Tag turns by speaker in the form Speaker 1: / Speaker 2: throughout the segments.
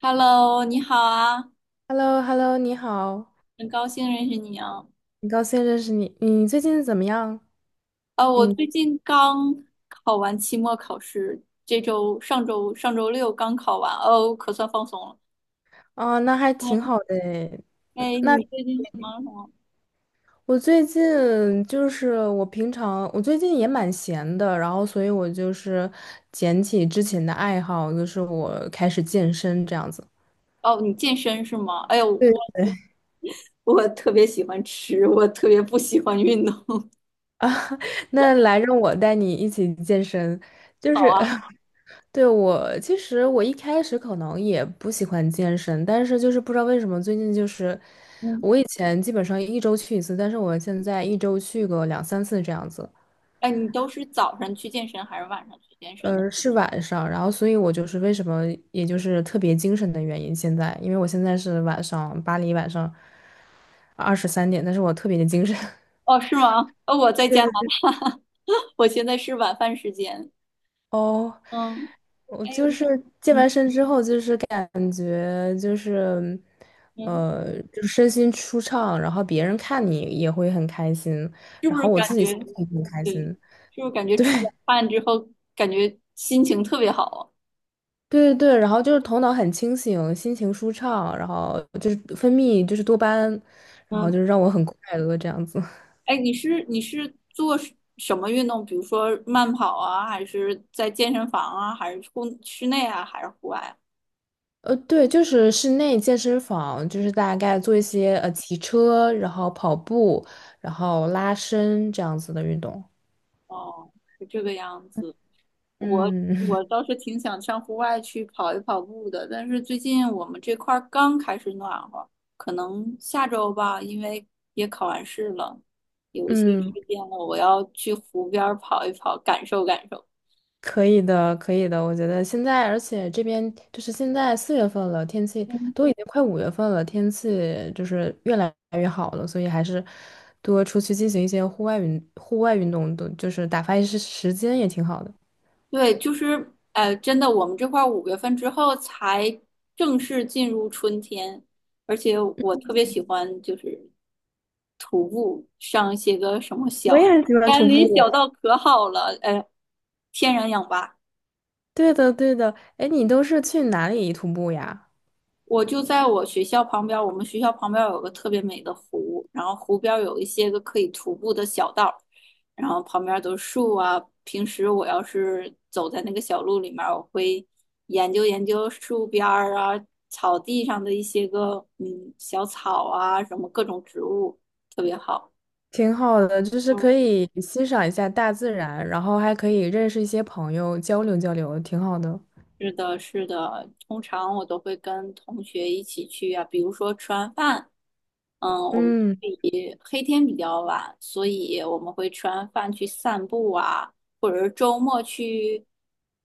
Speaker 1: Hello,你好啊，
Speaker 2: hello hello 你好，
Speaker 1: 很高兴认识你啊。
Speaker 2: 很高兴认识你。你最近怎么样？
Speaker 1: 哦，我
Speaker 2: 嗯，
Speaker 1: 最近刚考完期末考试，这周上周上周六刚考完，哦，可算放松了。
Speaker 2: 哦，那还挺
Speaker 1: 嗯，
Speaker 2: 好的诶。
Speaker 1: 哎，
Speaker 2: 那
Speaker 1: 你最近忙什么？
Speaker 2: 我最近就是我平常我最近也蛮闲的，然后所以我就是捡起之前的爱好，就是我开始健身这样子。
Speaker 1: 哦，你健身是吗？哎呦，
Speaker 2: 对
Speaker 1: 我
Speaker 2: 对。
Speaker 1: 我特别喜欢吃，我特别不喜欢运动。
Speaker 2: 那来让我带你一起健身，就
Speaker 1: 好
Speaker 2: 是
Speaker 1: 啊，
Speaker 2: 对。我其实一开始可能也不喜欢健身，但是就是不知道为什么最近就是
Speaker 1: 嗯，
Speaker 2: 我以前基本上一周去一次，但是我现在一周去个两三次这样子。
Speaker 1: 哎，你都是早上去健身还是晚上去健身的？
Speaker 2: 是晚上，然后所以我就是为什么也就是特别精神的原因。现在因为我现在是晚上巴黎晚上23点，但是我特别的精神。
Speaker 1: 哦，是吗？哦，我在家，
Speaker 2: 对。
Speaker 1: 我现在是晚饭时间。
Speaker 2: 哦，
Speaker 1: 嗯，
Speaker 2: 我
Speaker 1: 哎，
Speaker 2: 就是健完
Speaker 1: 嗯
Speaker 2: 身之后，就是感觉就是，
Speaker 1: 嗯。
Speaker 2: 就是身心舒畅，然后别人看你也会很开心，
Speaker 1: 是不
Speaker 2: 然
Speaker 1: 是
Speaker 2: 后我自
Speaker 1: 感
Speaker 2: 己
Speaker 1: 觉，
Speaker 2: 心情也很开
Speaker 1: 对，
Speaker 2: 心。
Speaker 1: 是不是感觉
Speaker 2: 对
Speaker 1: 出了 汗之后，感觉心情特别好？
Speaker 2: 对对，然后就是头脑很清醒，心情舒畅，然后就是分泌就是多巴胺，然
Speaker 1: 啊
Speaker 2: 后就
Speaker 1: 嗯，
Speaker 2: 是让我很快乐这样子。
Speaker 1: 哎，你是做什么运动？比如说慢跑啊，还是在健身房啊，还是户室内啊，还是户外啊？
Speaker 2: 对，就是室内健身房，就是大概做一些骑车，然后跑步，然后拉伸这样子的运动。
Speaker 1: 哦，是这个样子。我
Speaker 2: 嗯
Speaker 1: 我倒是挺想上户外去跑一跑步的，但是最近我们这块儿刚开始暖和，可能下周吧，因为也考完试了，有一些
Speaker 2: 嗯。
Speaker 1: 时间了，我要去湖边儿跑一跑，感受感受。
Speaker 2: 可以的，可以的。我觉得现在，而且这边就是现在4月份了，天气都已经快5月份了，天气就是越来越好了，所以还是多出去进行一些户外运动都就是打发一些时间也挺好的。
Speaker 1: 对，就是呃，真的，我们这块儿五月份之后才正式进入春天，而且我特别喜欢就是徒步上一些个什么
Speaker 2: 我
Speaker 1: 小
Speaker 2: 也很喜欢
Speaker 1: 山
Speaker 2: 徒
Speaker 1: 林小
Speaker 2: 步。
Speaker 1: 道，可好了，呃，天然氧吧。
Speaker 2: 对的，对的。哎，你都是去哪里徒步呀？
Speaker 1: 我就在我们学校旁边有个特别美的湖，然后湖边有一些个可以徒步的小道，然后旁边都是树啊。平时我要是走在那个小路里面我会研究研究树边儿啊、草地上的一些个嗯小草啊，什么各种植物，特别好。
Speaker 2: 挺好的，就是
Speaker 1: 嗯，
Speaker 2: 可以欣赏一下大自然，然后还可以认识一些朋友，交流交流，挺好的。
Speaker 1: 是的，是的，通常我都会跟同学一起去啊，比如说吃完饭。嗯，我们
Speaker 2: 嗯
Speaker 1: 黑天比较晚，所以我们会吃完饭去散步啊，或者是周末去，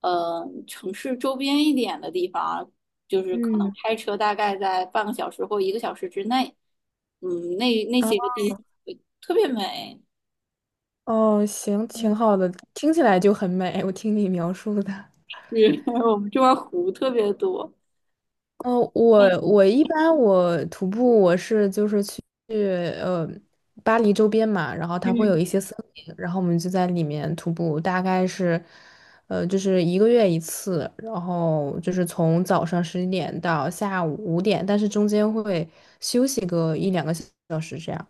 Speaker 1: 呃，城市周边一点的地方，就是可能
Speaker 2: 嗯。
Speaker 1: 开车大概在半个小时或一个小时之内，嗯，那那
Speaker 2: 啊。
Speaker 1: 些个地方特别美，
Speaker 2: 哦，行，挺好的，听起来就很美。我听你描述的，
Speaker 1: 是。 我们这边儿湖特别多。
Speaker 2: 哦，我一般我徒步我是就是去呃巴黎周边嘛，然后它会
Speaker 1: 嗯，
Speaker 2: 有一些森林，然后我们就在里面徒步，大概是就是一个月一次，然后就是从早上11点到下午5点，但是中间会休息个一两个小时这样。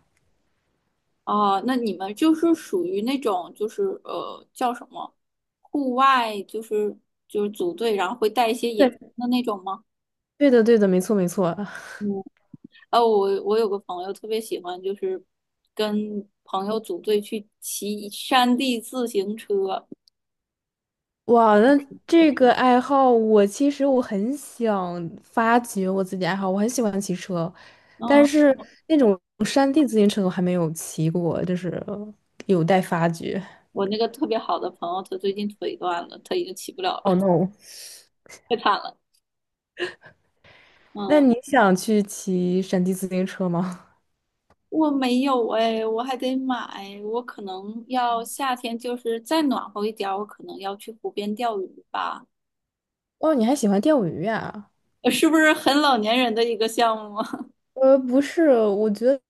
Speaker 1: 哦，那你们就是属于那种，就是呃，叫什么，户外，就是组队，然后会带一些野餐
Speaker 2: 对，
Speaker 1: 的那种吗？
Speaker 2: 对的，对的，没错，没错。
Speaker 1: 哦，我有个朋友特别喜欢，就是跟朋友组队去骑山地自行车。
Speaker 2: 哇，那这个爱好，我其实很想发掘我自己爱好，我很喜欢骑车，但
Speaker 1: 嗯，
Speaker 2: 是那种山地自行车我还没有骑过，就是有待发掘。
Speaker 1: 我那个特别好的朋友，他最近腿断了，他已经骑不了了，
Speaker 2: Oh no！
Speaker 1: 太惨了。
Speaker 2: 那
Speaker 1: 嗯，
Speaker 2: 你想去骑山地自行车吗？
Speaker 1: 我没有哎，我还得买，我可能要夏天就是再暖和一点儿，我可能要去湖边钓鱼吧。
Speaker 2: 哦，你还喜欢钓鱼啊？
Speaker 1: 呃，是不是很老年人的一个项目啊？
Speaker 2: 不是，我觉得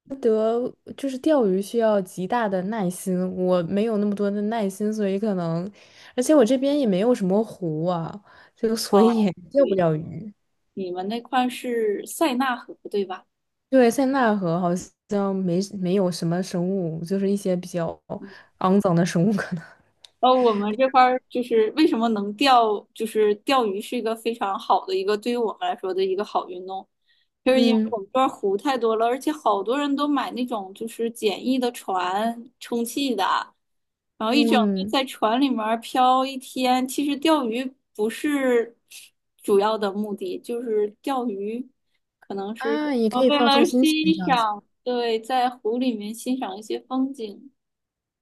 Speaker 2: 就是钓鱼需要极大的耐心，我没有那么多的耐心，所以可能，而且我这边也没有什么湖啊，就 所以
Speaker 1: 哦，
Speaker 2: 也钓不
Speaker 1: 对，
Speaker 2: 了鱼。
Speaker 1: 你们那块儿是塞纳河对吧？
Speaker 2: 对，塞纳河好像没有什么生物，就是一些比较肮脏的生物可能。
Speaker 1: 呃，我们这块儿就是为什么能钓，就是钓鱼是一个非常好的一个对于我们来说的一个好运动，就是因为
Speaker 2: 嗯
Speaker 1: 我们这儿湖太多了，而且好多人都买那种就是简易的船，充气的，然后一整天
Speaker 2: 嗯。
Speaker 1: 在船里面儿漂一天。其实钓鱼不是主要的目的，就是钓鱼可能是
Speaker 2: 啊，也
Speaker 1: 呃
Speaker 2: 可以
Speaker 1: 为
Speaker 2: 放松
Speaker 1: 了
Speaker 2: 心情这
Speaker 1: 欣
Speaker 2: 样子。
Speaker 1: 赏，对，在湖里面欣赏一些风景，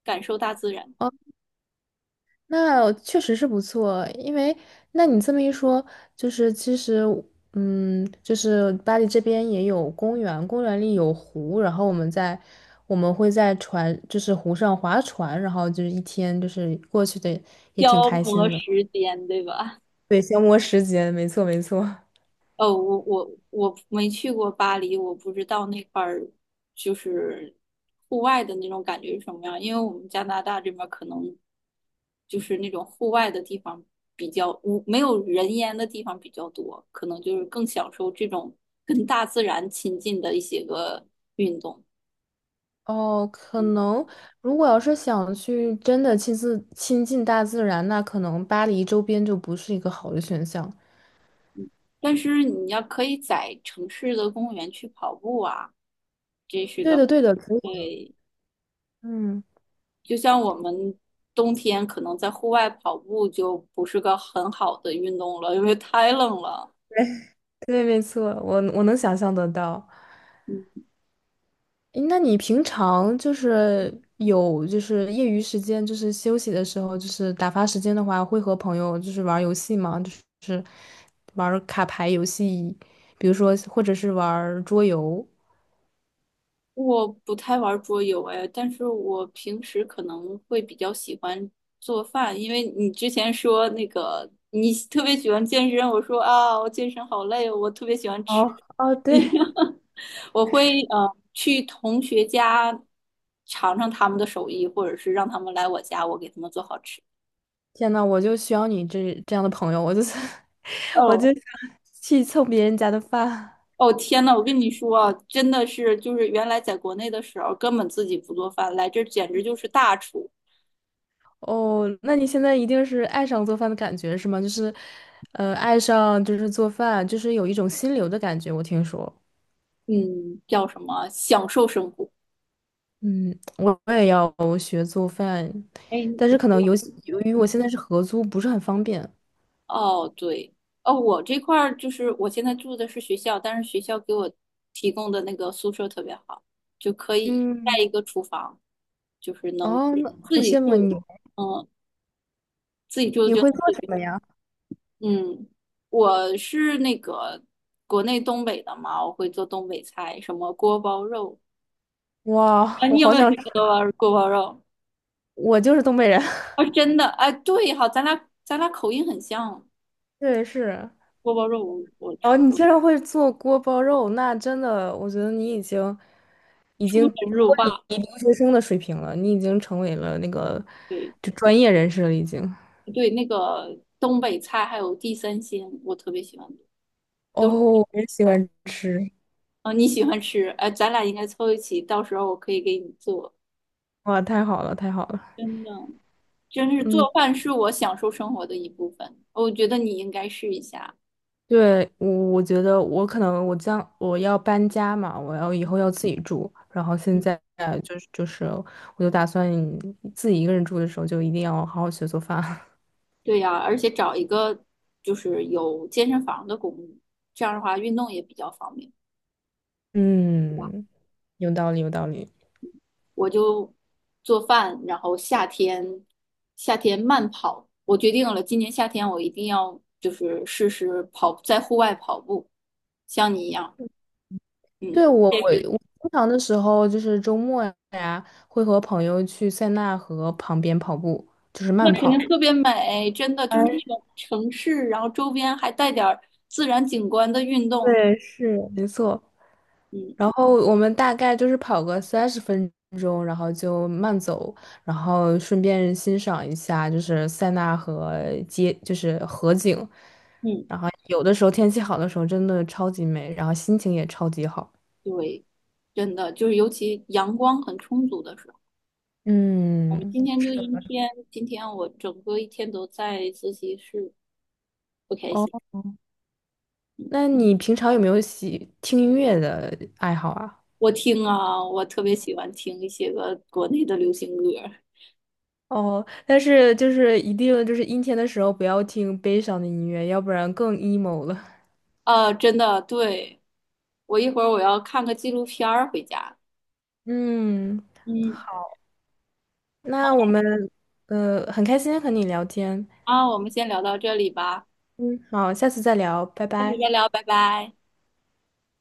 Speaker 1: 感受大自然。
Speaker 2: 哦，那确实是不错，因为那你这么一说，就是其实就是巴黎这边也有公园，公园里有湖，然后我们会在船，就是湖上划船，然后就是一天就是过去的也挺
Speaker 1: 消
Speaker 2: 开
Speaker 1: 磨
Speaker 2: 心的。
Speaker 1: 时间，对吧？
Speaker 2: 对，消磨时间，没错没错。
Speaker 1: 哦，我没去过巴黎，我不知道那块儿就是户外的那种感觉是什么样，因为我们加拿大这边儿可能就是那种户外的地方比较无，没有人烟的地方比较多，可能就是更享受这种跟大自然亲近的一些个运动。
Speaker 2: 哦，可能如果要是想去真的亲近大自然，那可能巴黎周边就不是一个好的选项。
Speaker 1: 嗯，但是你要可以在城市的公园去跑步啊。
Speaker 2: 对的，对的，可以的。
Speaker 1: 对，
Speaker 2: 嗯，
Speaker 1: 就像我们冬天可能在户外跑步就不是个很好的运动了，因为太冷了。
Speaker 2: 对，对，没错，我能想象得到。
Speaker 1: 嗯，
Speaker 2: 诶那你平常就是有就是业余时间，就是休息的时候，就是打发时间的话，会和朋友就是玩儿游戏吗？就是玩儿卡牌游戏，比如说或者是玩儿桌游。
Speaker 1: 我不太玩桌游哎，但是我平时可能会比较喜欢做饭，因为你之前说那个你特别喜欢健身，我说啊，我健身好累哦，我特别喜欢
Speaker 2: 哦
Speaker 1: 吃。
Speaker 2: 哦，对。
Speaker 1: 我会呃去同学家尝尝他们的手艺，或者是让他们来我家，我给他们做好吃。
Speaker 2: 天呐，我就需要你这样的朋友，我就是 我就
Speaker 1: 哦。
Speaker 2: 想去蹭别人家的饭。
Speaker 1: 哦天呐，我跟你说啊，真的是，就是原来在国内的时候根本自己不做饭，来这儿简直就是大厨，
Speaker 2: 哦，那你现在一定是爱上做饭的感觉是吗？就是，爱上就是做饭，就是有一种心流的感觉。我听说，
Speaker 1: 嗯，叫什么享受生活。
Speaker 2: 嗯，我也要学做饭，
Speaker 1: 哎，
Speaker 2: 但是
Speaker 1: 你
Speaker 2: 可能由于我现在是合租，不是很方便。
Speaker 1: 哦，对，哦，我这块儿就是我现在住的是学校，但是学校给我提供的那个宿舍特别好，就可以带一
Speaker 2: 嗯，
Speaker 1: 个厨房，就是能
Speaker 2: 哦，那
Speaker 1: 自
Speaker 2: 好
Speaker 1: 己
Speaker 2: 羡慕啊
Speaker 1: 住，
Speaker 2: 你，
Speaker 1: 嗯，自己住
Speaker 2: 你
Speaker 1: 就能
Speaker 2: 会做
Speaker 1: 自
Speaker 2: 什
Speaker 1: 己。
Speaker 2: 么呀？
Speaker 1: 嗯，我是那个国内东北的嘛，我会做东北菜，什么锅包肉
Speaker 2: 哇，
Speaker 1: 啊，
Speaker 2: 我
Speaker 1: 你有
Speaker 2: 好
Speaker 1: 没有吃
Speaker 2: 想吃，
Speaker 1: 过锅包肉？
Speaker 2: 我就是东北人。
Speaker 1: 啊，真的，哎，对，好，咱俩口音很像，
Speaker 2: 对，是。
Speaker 1: 锅包肉我出
Speaker 2: 哦，你竟然会做锅包肉，那真的，我觉得你已经已
Speaker 1: 出
Speaker 2: 经
Speaker 1: 神
Speaker 2: 脱
Speaker 1: 入
Speaker 2: 离
Speaker 1: 化，
Speaker 2: 留学生的水平了，你已经成为了那个
Speaker 1: 对
Speaker 2: 就专业人士了，已经。
Speaker 1: 对，那个东北菜还有地三鲜，我特别喜欢，
Speaker 2: 哦，
Speaker 1: 都是，
Speaker 2: 我也喜欢吃，
Speaker 1: 哦，你喜欢吃，哎，咱俩应该凑一起，到时候我可以给你做，
Speaker 2: 哇，太好了，太好了。
Speaker 1: 真的。真是
Speaker 2: 嗯，
Speaker 1: 做饭是我享受生活的一部分，我觉得你应该试一下。
Speaker 2: 对，我觉得我可能我将我要搬家嘛，我要以后要自己住，然后现
Speaker 1: 嗯。
Speaker 2: 在就是我就打算自己一个人住的时候，就一定要好好学做饭。
Speaker 1: 对呀，而且找一个就是有健身房的公寓，这样的话运动也比较方便，对吧？
Speaker 2: 嗯，有道理，有道理。
Speaker 1: 我就做饭，然后夏天慢跑，我决定了，今年夏天我一定要就是试试跑，在户外跑步，像你一样，嗯，
Speaker 2: 对，我
Speaker 1: 健
Speaker 2: 我
Speaker 1: 身，
Speaker 2: 我经常的时候就是周末呀，会和朋友去塞纳河旁边跑步，就是
Speaker 1: 那
Speaker 2: 慢
Speaker 1: 肯定
Speaker 2: 跑。
Speaker 1: 特别美，真的就是那
Speaker 2: 哎，
Speaker 1: 种城市，然后周边还带点儿自然景观的运动，
Speaker 2: 对，是，没错，
Speaker 1: 嗯
Speaker 2: 然后我们大概就是跑个30分钟，然后就慢走，然后顺便欣赏一下就是塞纳河街，就是河景。
Speaker 1: 嗯，
Speaker 2: 然后有的时候天气好的时候真的超级美，然后心情也超级好。
Speaker 1: 对，真的就是尤其阳光很充足的时候。我们
Speaker 2: 嗯，
Speaker 1: 今天就阴天，今天我整个一天都在自习室，不开
Speaker 2: 哦，
Speaker 1: 心。
Speaker 2: 那你平常有没有喜听音乐的爱好啊？
Speaker 1: 我听啊，我特别喜欢听一些个国内的流行歌
Speaker 2: 哦，但是就是一定就是阴天的时候不要听悲伤的音乐，要不然更 emo 了。
Speaker 1: 啊，呃真的，对，我一会儿我要看个纪录片儿回家。
Speaker 2: 嗯，
Speaker 1: 嗯，
Speaker 2: 那我们很开心和你聊天，
Speaker 1: 啊，我们先聊到这里吧，
Speaker 2: 嗯，好，下次再聊，拜
Speaker 1: 下次
Speaker 2: 拜。
Speaker 1: 再聊，拜拜。